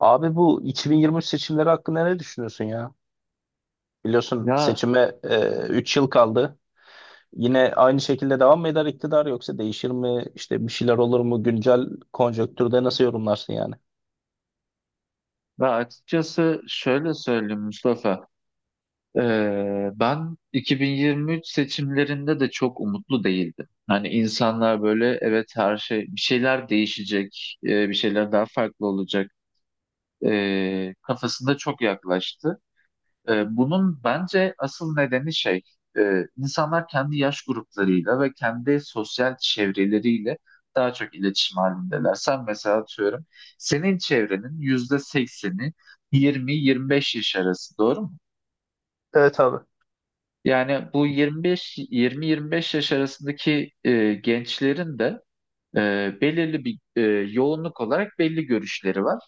Abi bu 2023 seçimleri hakkında ne düşünüyorsun ya? Biliyorsun Ya seçime 3 yıl kaldı. Yine aynı şekilde devam mı eder iktidar yoksa değişir mi? İşte bir şeyler olur mu? Güncel konjonktürde nasıl yorumlarsın yani? ve açıkçası şöyle söyleyeyim Mustafa. Ben 2023 seçimlerinde de çok umutlu değildim. Hani insanlar böyle evet her şey bir şeyler değişecek, bir şeyler daha farklı olacak kafasında çok yaklaştı. Bunun bence asıl nedeni şey, insanlar kendi yaş gruplarıyla ve kendi sosyal çevreleriyle daha çok iletişim halindeler. Sen mesela atıyorum, senin çevrenin yüzde sekseni 20-25 yaş arası, doğru mu? Evet abi. Yani bu 25, 20-25 yaş arasındaki gençlerin de e, belirli bir yoğunluk olarak belli görüşleri var.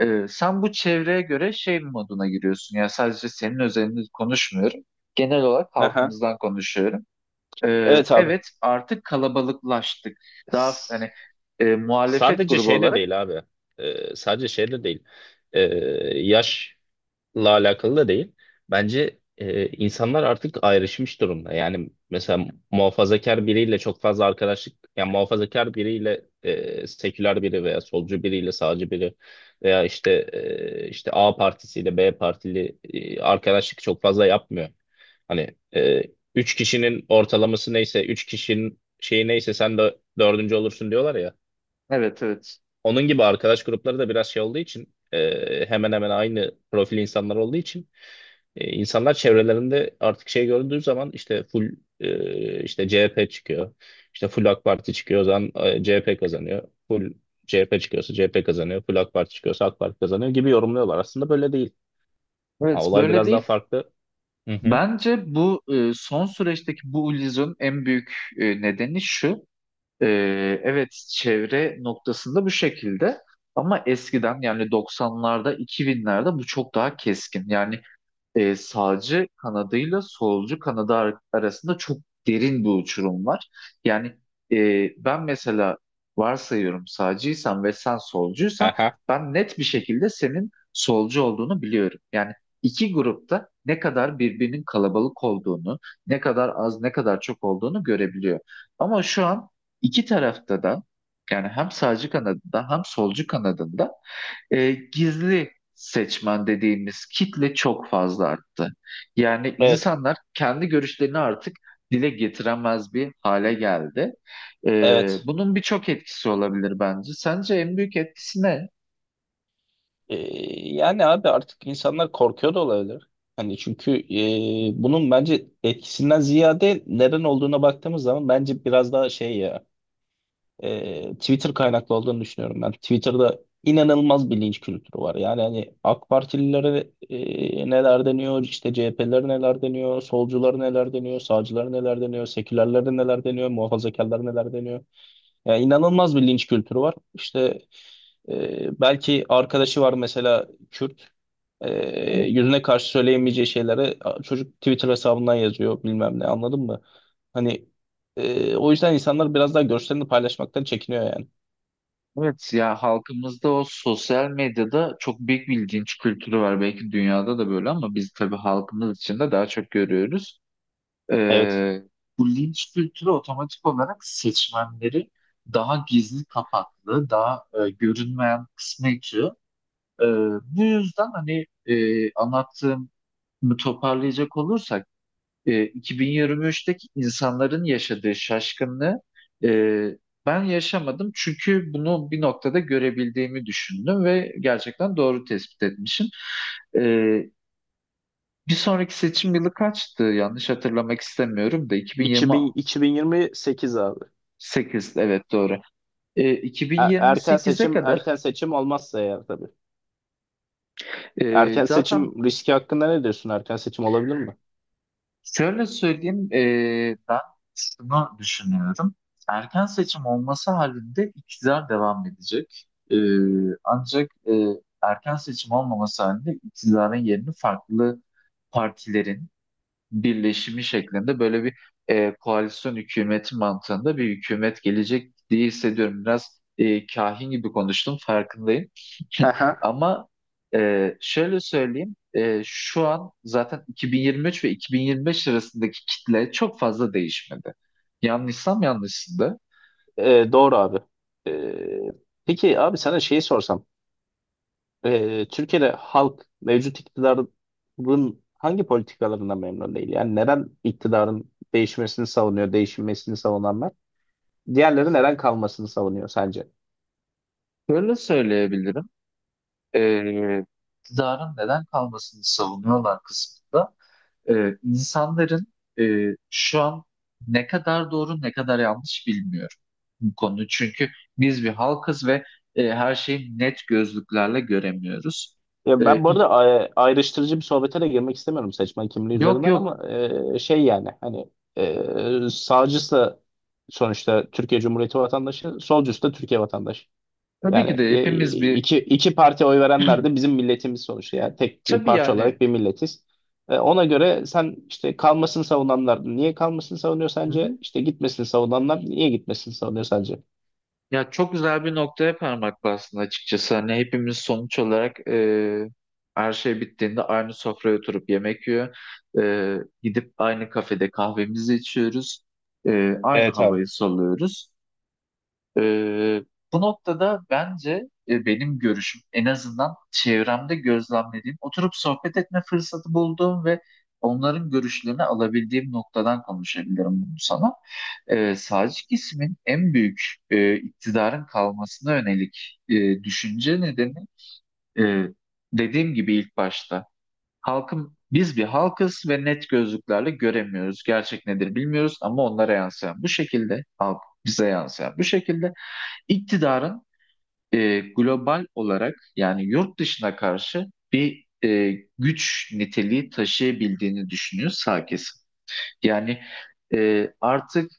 Sen bu çevreye göre şey moduna giriyorsun. Yani sadece senin özelini konuşmuyorum. Genel olarak Aha. halkımızdan konuşuyorum. Ee, Evet abi. evet artık kalabalıklaştık. Daha S- hani muhalefet Sadece grubu şey de olarak. değil abi. Sadece şey de değil. Ee, Yaş alakalı da değil. Bence insanlar artık ayrışmış durumda. Yani mesela muhafazakar biriyle çok fazla arkadaşlık, yani muhafazakar biriyle seküler biri veya solcu biriyle sağcı biri veya işte işte A partisiyle B partili arkadaşlık çok fazla yapmıyor. Hani üç kişinin ortalaması neyse, üç kişinin şeyi neyse sen de dördüncü olursun diyorlar ya. Evet, evet. Onun gibi arkadaş grupları da biraz şey olduğu için hemen hemen aynı profil insanlar olduğu için insanlar çevrelerinde artık şey gördüğü zaman işte full işte CHP çıkıyor. İşte full AK Parti çıkıyor o zaman CHP kazanıyor. Full CHP çıkıyorsa CHP kazanıyor. Full AK Parti çıkıyorsa AK Parti kazanıyor gibi yorumluyorlar. Aslında böyle değil. Ha, Evet, olay böyle biraz daha değil. farklı. Hı hı. Bence bu son süreçteki bu illüzyonun en büyük nedeni şu. E, evet, çevre noktasında bu şekilde. Ama eskiden yani 90'larda 2000'lerde bu çok daha keskin. Yani sağcı kanadıyla solcu kanadı arasında çok derin bir uçurum var. Yani ben mesela varsayıyorum sağcıysan ve sen solcuysan Aha. ben net bir şekilde senin solcu olduğunu biliyorum. Yani iki grupta ne kadar birbirinin kalabalık olduğunu, ne kadar az, ne kadar çok olduğunu görebiliyor. Ama şu an iki tarafta da yani hem sağcı kanadında hem solcu kanadında gizli seçmen dediğimiz kitle çok fazla arttı. Yani Evet. insanlar kendi görüşlerini artık dile getiremez bir hale geldi. E, Evet. bunun birçok etkisi olabilir bence. Sence en büyük etkisi ne? Ee, Yani abi artık insanlar korkuyor da olabilir. Hani çünkü bunun bence etkisinden ziyade neden olduğuna baktığımız zaman bence biraz daha şey ya Twitter kaynaklı olduğunu düşünüyorum ben. Twitter'da inanılmaz bir linç kültürü var. Yani hani AK Partililere neler deniyor, işte CHP'lere neler deniyor, solculara neler deniyor, sağcılara neler deniyor, sekülerlere neler deniyor, muhafazakarlara neler deniyor. Yani inanılmaz bir linç kültürü var. İşte belki arkadaşı var mesela Kürt. E, Yüzüne karşı söyleyemeyeceği şeyleri çocuk Twitter hesabından yazıyor bilmem ne anladın mı? Hani o yüzden insanlar biraz daha görüşlerini paylaşmaktan çekiniyor yani. Evet, ya halkımızda o sosyal medyada çok büyük bir linç kültürü var. Belki dünyada da böyle ama biz tabii halkımız içinde daha çok görüyoruz. Evet. Ee, bu linç kültürü otomatik olarak seçmenleri daha gizli kapaklı, daha görünmeyen kısmı itiyor. Ee, bu yüzden hani anlattığım toparlayacak olursak 2023'teki insanların yaşadığı şaşkınlığı e, ben yaşamadım çünkü bunu bir noktada görebildiğimi düşündüm ve gerçekten doğru tespit etmişim. Ee, bir sonraki seçim yılı kaçtı? Yanlış hatırlamak istemiyorum da 2026, 2028 abi. sekiz, evet, doğru. Erken 2028'e seçim kadar erken seçim olmazsa eğer tabii. Erken zaten seçim riski hakkında ne diyorsun? Erken seçim olabilir mi? şöyle söyleyeyim, ben şunu düşünüyorum. Erken seçim olması halinde iktidar devam edecek. Ancak erken seçim olmaması halinde iktidarın yerini farklı partilerin birleşimi şeklinde böyle bir koalisyon hükümeti mantığında bir hükümet gelecek diye hissediyorum. Biraz kahin gibi konuştum, farkındayım. Hı hı. Ama şöyle söyleyeyim, şu an zaten 2023 ve 2025 arasındaki kitle çok fazla değişmedi. Yanlışsam yanlışsın. E, doğru abi. E, Peki abi sana şeyi sorsam. Türkiye'de halk mevcut iktidarın hangi politikalarından memnun değil? Yani neden iktidarın değişmesini savunuyor, değişmesini savunanlar? Diğerleri neden kalmasını savunuyor sence? Böyle söyleyebilirim. E, iktidarın neden kalmasını savunuyorlar kısmında insanların e, şu an ne kadar doğru ne kadar yanlış bilmiyorum bu konuyu. Çünkü biz bir halkız ve her şeyi net gözlüklerle göremiyoruz. E, Ya ben bu ik- arada ayrıştırıcı bir sohbete de girmek istemiyorum seçmen kimliği Yok, üzerinden yok, ama şey yani hani sağcısı da sonuçta Türkiye Cumhuriyeti vatandaşı, solcusu da Türkiye vatandaşı. tabii Yani ki de hepimiz bir, iki parti oy verenler de bizim milletimiz sonuçta. Yani tek bir tabii parça yani. olarak bir milletiz. Ona göre sen işte kalmasını savunanlar niye kalmasını savunuyor Hı sence? hı. İşte gitmesini savunanlar niye gitmesini savunuyor sence? Ya, çok güzel bir noktaya parmak bastın açıkçası. Hani hepimiz sonuç olarak her şey bittiğinde aynı sofraya oturup yemek yiyor. E, gidip aynı kafede kahvemizi içiyoruz. Aynı Evet abi. havayı soluyoruz. E, bu noktada bence benim görüşüm, en azından çevremde gözlemlediğim, oturup sohbet etme fırsatı bulduğum ve onların görüşlerini alabildiğim noktadan konuşabilirim bunu sana, sağcı kesimin en büyük iktidarın kalmasına yönelik düşünce nedeni, e, dediğim gibi ilk başta halkım, biz bir halkız ve net gözlüklerle göremiyoruz. Gerçek nedir bilmiyoruz ama onlara yansıyan bu şekilde, halk bize yansıyan bu şekilde, iktidarın global olarak yani yurt dışına karşı bir güç niteliği taşıyabildiğini düşünüyor sağ kesim. Yani artık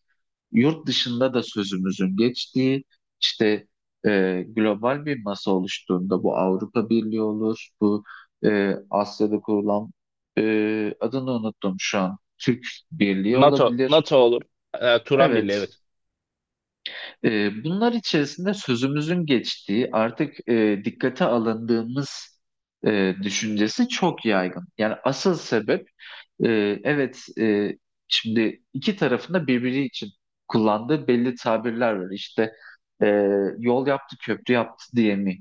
yurt dışında da sözümüzün geçtiği işte, global bir masa oluştuğunda, bu Avrupa Birliği olur, bu Asya'da kurulan adını unuttum şu an Türk Birliği NATO, olabilir. NATO olur. E, Turan Birliği Evet, evet. Bunlar içerisinde sözümüzün geçtiği, artık dikkate alındığımız düşüncesi çok yaygın. Yani asıl sebep, e, evet, şimdi iki tarafında birbiri için kullandığı belli tabirler var. İşte e, yol yaptı, köprü yaptı diye mi?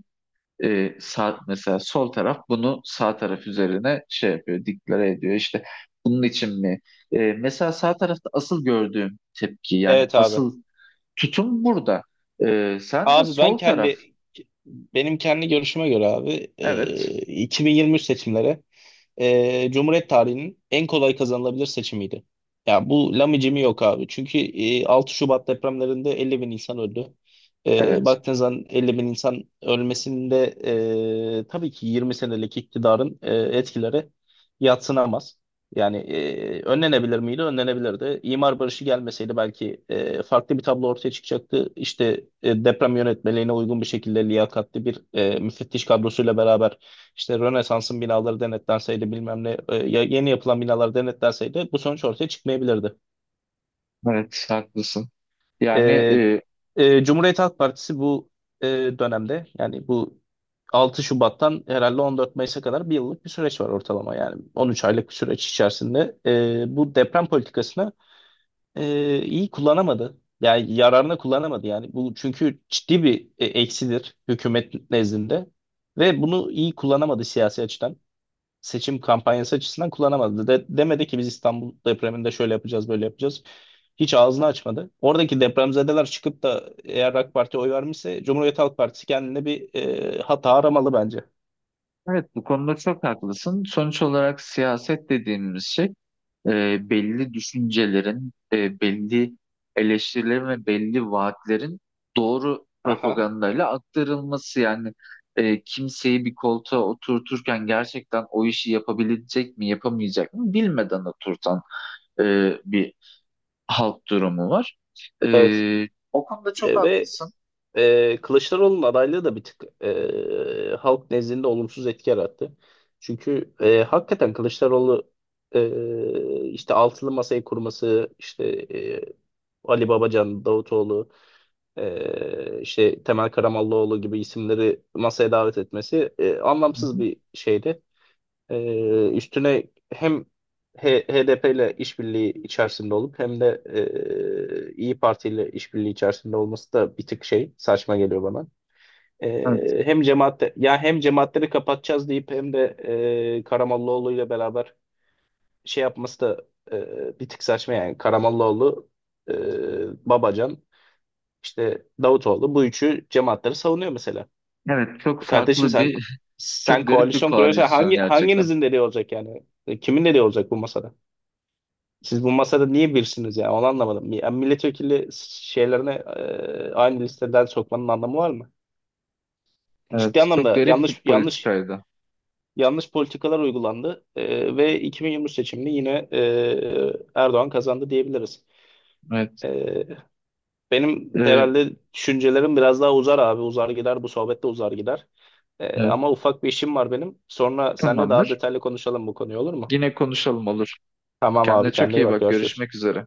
Sağ, mesela sol taraf bunu sağ taraf üzerine şey yapıyor, diklere ediyor. İşte bunun için mi? Mesela sağ tarafta asıl gördüğüm tepki, yani Evet abi. asıl tutum burada. Sence Abi ben sol taraf? kendi Benim kendi görüşüme göre abi, Evet, 2023 seçimleri Cumhuriyet tarihinin en kolay kazanılabilir seçimiydi. Ya bu lamicimi yok abi. Çünkü 6 Şubat depremlerinde 50 bin insan öldü. E, evet, baktığın zaman 50 bin insan ölmesinde tabii ki 20 senelik iktidarın etkileri yadsınamaz. Yani önlenebilir miydi? Önlenebilirdi. İmar barışı gelmeseydi belki farklı bir tablo ortaya çıkacaktı. İşte deprem yönetmeliğine uygun bir şekilde liyakatli bir müfettiş kadrosuyla beraber işte Rönesans'ın binaları denetlenseydi bilmem ne yeni yapılan binalar denetlenseydi bu sonuç ortaya çıkmayabilirdi. evet, haklısın. E, Yani Cumhuriyet Halk Partisi bu e, dönemde, yani bu 6 Şubat'tan herhalde 14 Mayıs'a kadar bir yıllık bir süreç var, ortalama yani 13 aylık bir süreç içerisinde bu deprem politikasını iyi kullanamadı. Yani yararına kullanamadı, yani bu çünkü ciddi bir eksidir hükümet nezdinde ve bunu iyi kullanamadı siyasi açıdan. Seçim kampanyası açısından kullanamadı. Demedi ki biz İstanbul depreminde şöyle yapacağız, böyle yapacağız. Hiç ağzını açmadı. Oradaki depremzedeler çıkıp da eğer AK Parti'ye oy vermişse, Cumhuriyet Halk Partisi kendine bir hata aramalı bence. evet, bu konuda çok haklısın. Sonuç olarak siyaset dediğimiz şey, belli düşüncelerin, belli eleştirilerin ve belli vaatlerin doğru Aha, propagandayla aktarılması. Yani kimseyi bir koltuğa oturturken gerçekten o işi yapabilecek mi, yapamayacak mı bilmeden oturtan e, bir halk durumu var. evet. Ee, o konuda çok Ve haklısın. Kılıçdaroğlu'nun adaylığı da bir tık halk nezdinde olumsuz etki yarattı. Çünkü hakikaten Kılıçdaroğlu işte altılı masayı kurması, işte Ali Babacan, Davutoğlu, işte Temel Karamollaoğlu gibi isimleri masaya davet etmesi Hı anlamsız hı. bir şeydi. E, Üstüne hem HDP ile işbirliği içerisinde olup hem de İyi Parti ile işbirliği içerisinde olması da bir tık şey, saçma geliyor bana. Evet. E, hem cemaat ya hem cemaatleri kapatacağız deyip hem de Karamollaoğlu ile beraber şey yapması da bir tık saçma yani. Karamollaoğlu, e, Babacan, işte Davutoğlu, bu üçü cemaatleri savunuyor mesela. Evet, çok E kardeşim, farklı bir, sen çok garip bir koalisyon kuruyorsan koalisyon hangi gerçekten. hanginizin dediği olacak yani? E kimin dediği olacak bu masada? Siz bu masada niye birsiniz yani? Onu anlamadım. Ya milletvekili şeylerine aynı listeden sokmanın anlamı var mı? Ciddi Evet, çok anlamda garip bir yanlış politikaydı. yanlış politikalar uygulandı. E, ve 2023 seçimini yine Erdoğan kazandı diyebiliriz. Evet, E, Benim Ee, herhalde düşüncelerim biraz daha uzar abi. Uzar gider bu sohbette, uzar gider. Evet, Ama ufak bir işim var benim. Sonra seninle daha tamamdır. detaylı konuşalım bu konuyu, olur mu? Yine konuşalım, olur. Tamam Kendine abi, çok kendine iyi iyi bak, bak. görüşürüz. Görüşmek üzere.